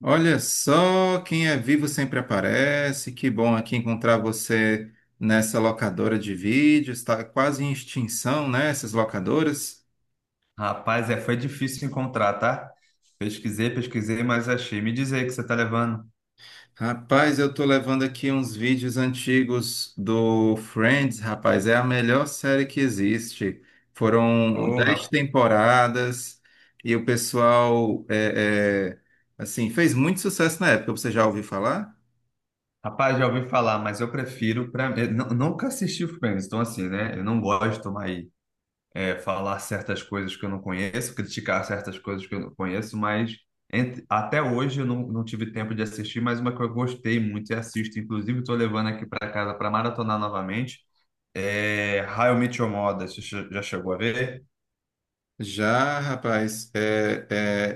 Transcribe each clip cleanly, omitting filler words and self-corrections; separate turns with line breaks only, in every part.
Olha só, quem é vivo sempre aparece. Que bom aqui encontrar você nessa locadora de vídeos. Está quase em extinção, né? Essas locadoras.
Rapaz, foi difícil encontrar, tá? Pesquisei, pesquisei, mas achei. Me diz aí o que você tá levando.
Rapaz, eu tô levando aqui uns vídeos antigos do Friends, rapaz. É a melhor série que existe. Foram
Ô,
dez temporadas e o pessoal, assim, fez muito sucesso na época. Você já ouviu falar?
rapaz, já ouvi falar, mas eu prefiro para nunca assisti o Friends, então assim, né? Eu não gosto mais falar certas coisas que eu não conheço, criticar certas coisas que eu não conheço, mas até hoje eu não tive tempo de assistir, mas uma que eu gostei muito e assisto, inclusive estou levando aqui para casa para maratonar novamente. É How I Met Your Mother, você já chegou a ver?
Já, rapaz,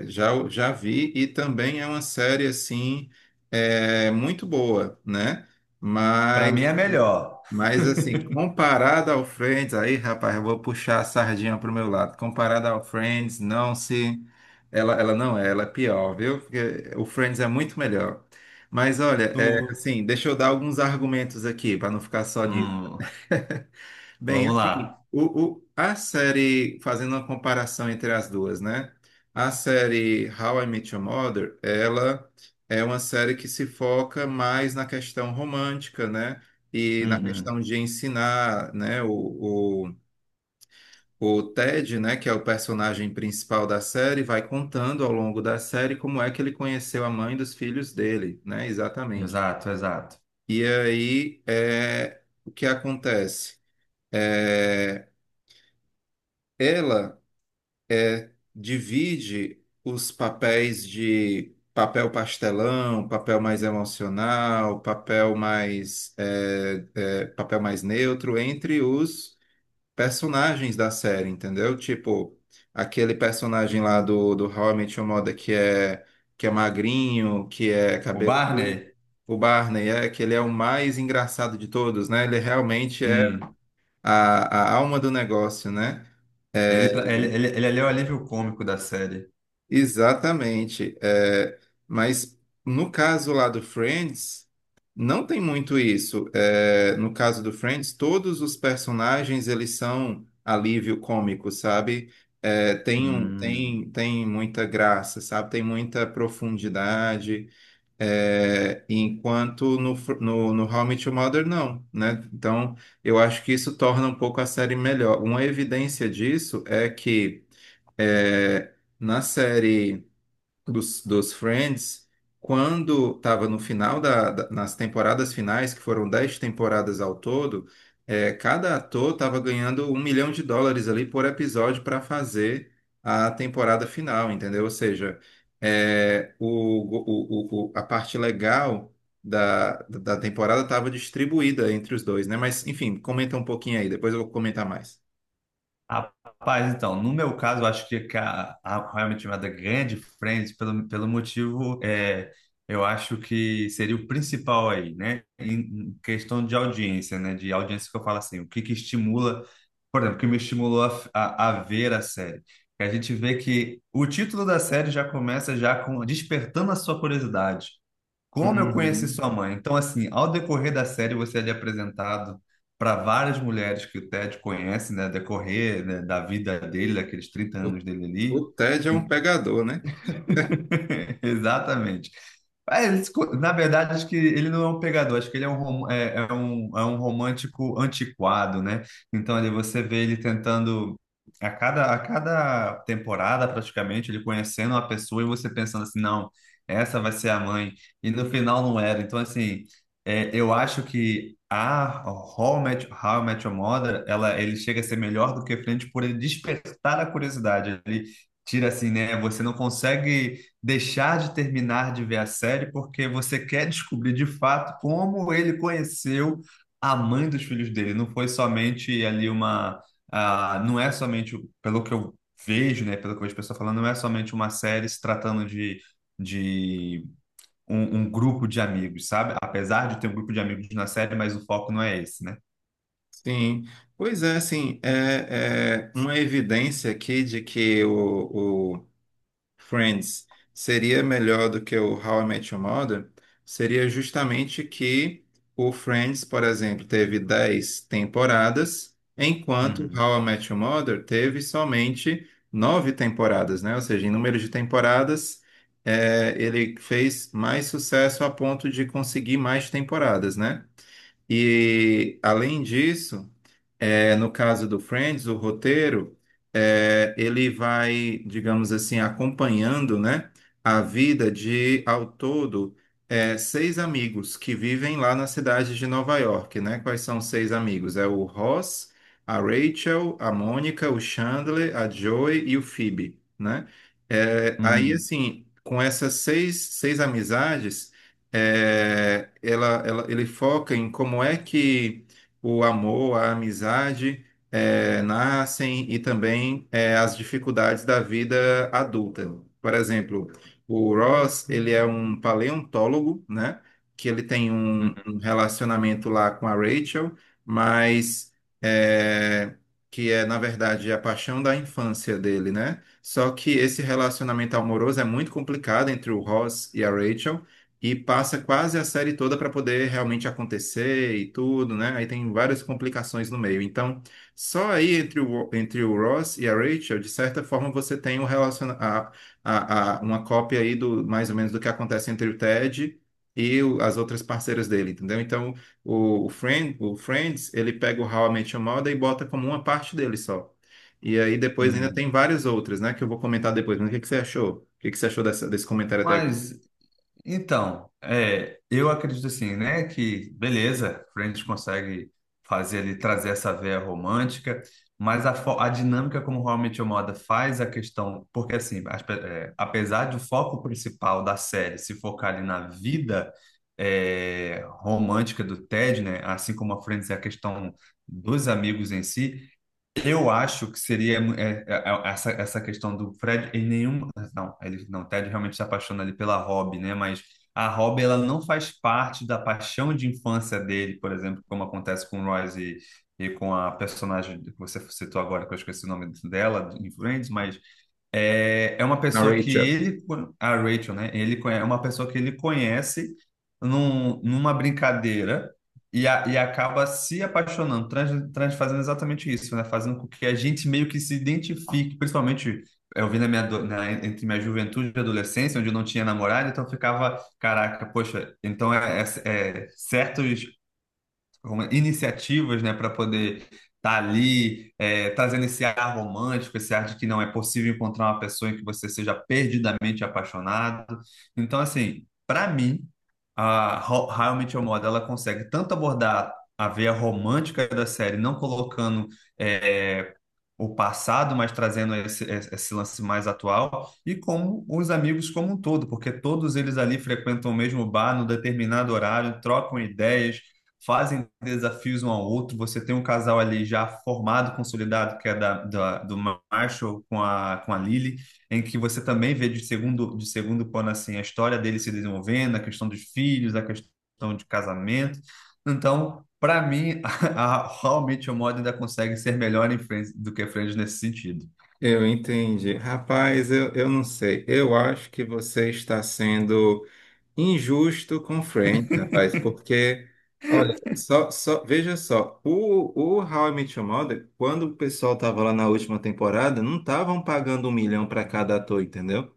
já vi e também é uma série assim muito boa, né?
Para mim é
Mas,
melhor.
mas assim, comparada ao Friends, aí, rapaz, eu vou puxar a sardinha pro meu lado. Comparada ao Friends, não se, ela não é, ela é pior, viu? Porque o Friends é muito melhor. Mas olha,
Tu
assim, deixa eu dar alguns argumentos aqui para não ficar só nisso.
Hum.
Bem,
Vamos
assim,
lá.
a série, fazendo uma comparação entre as duas, né? A série How I Met Your Mother, ela é uma série que se foca mais na questão romântica, né? E na questão
Uhum.
de ensinar, né? O Ted, né? Que é o personagem principal da série, vai contando ao longo da série como é que ele conheceu a mãe dos filhos dele, né? Exatamente.
Exato, exato.
E aí, o que acontece? É, ela é, divide os papéis de papel pastelão, papel mais emocional, papel mais papel mais neutro entre os personagens da série, entendeu? Tipo, aquele personagem lá do How I Met Your Mother que é magrinho, que é
O
cabelo curto.
Barney,
O Barney é que ele é o mais engraçado de todos, né? Ele realmente é
sim.
a alma do negócio, né?
Ele, pra- ele é o alívio cômico da série.
Exatamente. Mas no caso lá do Friends, não tem muito isso. É, no caso do Friends, todos os personagens eles são alívio cômico, sabe?
Hum.
Tem muita graça, sabe? Tem muita profundidade. Enquanto no, no How I Met Your Mother, não, né? Então, eu acho que isso torna um pouco a série melhor. Uma evidência disso é que é, na série dos Friends, quando estava no final nas temporadas finais, que foram 10 temporadas ao todo, cada ator estava ganhando US$ 1 milhão ali por episódio para fazer a temporada final, entendeu? Ou seja, a parte legal da temporada estava distribuída entre os dois, né? Mas, enfim, comenta um pouquinho aí, depois eu vou comentar mais.
Rapaz, então, no meu caso, eu acho que a How I Met Your Mother ganha de Friends pelo motivo, eu acho que seria o principal aí, né? Em questão de audiência, né? De audiência que eu falo assim, o que que estimula, por exemplo, o que me estimulou a ver a série. Que a gente vê que o título da série já começa já com despertando a sua curiosidade. Como eu conheci
Uhum.
sua mãe? Então, assim, ao decorrer da série, você é ali apresentado para várias mulheres que o Ted conhece, né? Decorrer, né, da vida dele, daqueles 30
O,
anos dele ali.
o Ted é um pegador, né?
Exatamente. Ah, ele na verdade, acho que ele não é um pegador, acho que ele é um romântico antiquado, né? Então, ali você vê ele tentando, a cada temporada, praticamente, ele conhecendo uma pessoa e você pensando assim, não, essa vai ser a mãe. E no final não era. Então, assim, eu acho que a How I Met Your Mother, ela, ele chega a ser melhor do que Friends por ele despertar a curiosidade. Ele tira assim, né? Você não consegue deixar de terminar de ver a série porque você quer descobrir de fato como ele conheceu a mãe dos filhos dele. Não foi somente ali uma. Ah, não é somente, pelo que eu vejo, né, pelo que eu vejo o pessoal falando, não é somente uma série se tratando de um grupo de amigos, sabe? Apesar de ter um grupo de amigos na série, mas o foco não é esse, né?
Sim, pois é, assim, é uma evidência aqui de que o Friends seria melhor do que o How I Met Your Mother, seria justamente que o Friends, por exemplo, teve 10 temporadas, enquanto o
Uhum,
How I Met Your Mother teve somente 9 temporadas, né? Ou seja, em número de temporadas, ele fez mais sucesso a ponto de conseguir mais temporadas, né? E, além disso. É, no caso do Friends, o roteiro, ele vai, digamos assim, acompanhando, né, a vida de, ao todo, seis amigos que vivem lá na cidade de Nova York, né? Quais são os seis amigos? É o Ross, a Rachel, a Mônica, o Chandler, a Joey e o Phoebe, né? Aí,
uhum,
assim, com essas seis amizades, ele foca em como é que o amor, a amizade nascem e também as dificuldades da vida adulta. Por exemplo, o Ross, ele é um paleontólogo, né? Que ele tem
uhum.
um relacionamento lá com a Rachel, mas eh, que é, na verdade, a paixão da infância dele, né? Só que esse relacionamento amoroso é muito complicado entre o Ross e a Rachel, e passa quase a série toda para poder realmente acontecer e tudo, né? Aí tem várias complicações no meio. Então, só aí entre entre o Ross e a Rachel, de certa forma, você tem um relaciona uma cópia aí do mais ou menos do que acontece entre o Ted as outras parceiras dele, entendeu? Então, o Friends, ele pega o How I Met Your Mother e bota como uma parte dele só. E aí depois ainda
Uhum.
tem várias outras, né? Que eu vou comentar depois. Mas o que que você achou? O que que você achou desse comentário até agora?
Mas então, eu acredito assim, né, que beleza, Friends consegue fazer ali, trazer essa veia romântica, mas a dinâmica como How I Met Your Mother faz a questão, porque assim, apesar de o foco principal da série se focar ali na vida romântica do Ted, né, assim como a Friends é a questão dos amigos em si, eu acho que seria essa questão do Fred em nenhum. Não, ele não, o Ted realmente se apaixona ali pela Rob, né? Mas a Rob ela não faz parte da paixão de infância dele, por exemplo, como acontece com o Royce e com a personagem que você citou agora, que eu esqueci o nome dela, em Friends, mas é uma
Na
pessoa que
Rachel.
ele, a Rachel, né? Ele é uma pessoa que ele conhece numa brincadeira e acaba se apaixonando, fazendo exatamente isso, né? Fazendo com que a gente meio que se identifique, principalmente eu vi na minha, entre minha juventude e adolescência, onde eu não tinha namorado, então eu ficava, caraca, poxa, então certos com iniciativas, né, para poder estar ali, trazendo esse ar romântico, esse ar de que não é possível encontrar uma pessoa em que você seja perdidamente apaixonado. Então, assim, para mim, a How I Met Your Mother, ela consegue tanto abordar a veia romântica da série, não colocando é, o passado, mas trazendo esse lance mais atual, e como os amigos como um todo, porque todos eles ali frequentam o mesmo bar no determinado horário, trocam ideias, fazem desafios um ao outro. Você tem um casal ali já formado, consolidado, que é do Marshall com a Lily, em que você também vê de segundo plano assim, a história dele se desenvolvendo, a questão dos filhos, a questão de casamento. Então, para mim, a How I Met Your Mother ainda consegue ser melhor em Friends do que Friends nesse sentido.
Eu entendi. Rapaz, eu não sei. Eu acho que você está sendo injusto com o Friends, rapaz, porque, olha, só, veja só, o How I Met Your Mother, quando o pessoal estava lá na última temporada, não estavam pagando 1 milhão para cada ator, entendeu?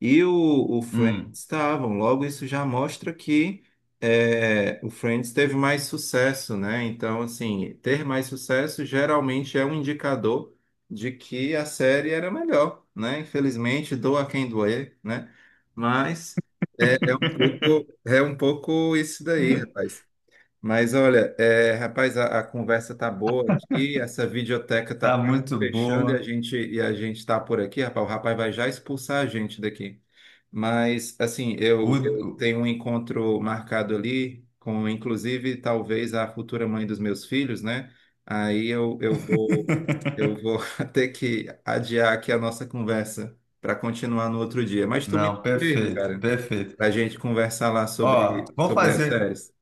E o Friends
Hum.
estavam. Logo, isso já mostra que o Friends teve mais sucesso, né? Então, assim, ter mais sucesso geralmente é um indicador de que a série era melhor, né? Infelizmente, doa quem doer, né? Mas é um pouco isso daí, rapaz. Mas olha, rapaz, a conversa tá boa aqui, essa videoteca tá
Tá
quase
muito
fechando e a
boa.
gente e a gente tá por aqui, rapaz, o rapaz vai já expulsar a gente daqui. Mas assim,
O-
eu
o-
tenho um encontro marcado ali com, inclusive, talvez a futura mãe dos meus filhos, né? Aí eu vou eu vou ter que adiar aqui a nossa conversa para continuar no outro dia. Mas tu me
Não,
liga mesmo,
perfeito,
cara,
perfeito.
para a gente conversar lá
Ó, vamos
sobre as
fazer.
séries.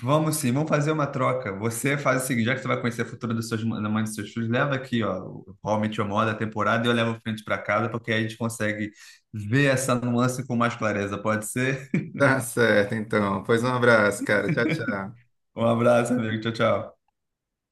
Vamos sim, vamos fazer uma troca. Você faz o seguinte, já que você vai conhecer a futura das suas, da mãe dos seus filhos, leva aqui, ó, o How I Met Your Mother, a temporada, e eu levo o Friends para casa, porque aí a gente consegue ver essa nuance com mais clareza. Pode ser?
Tá certo, então. Pois um abraço, cara. Tchau, tchau.
Um abraço, amigo. Tchau, tchau.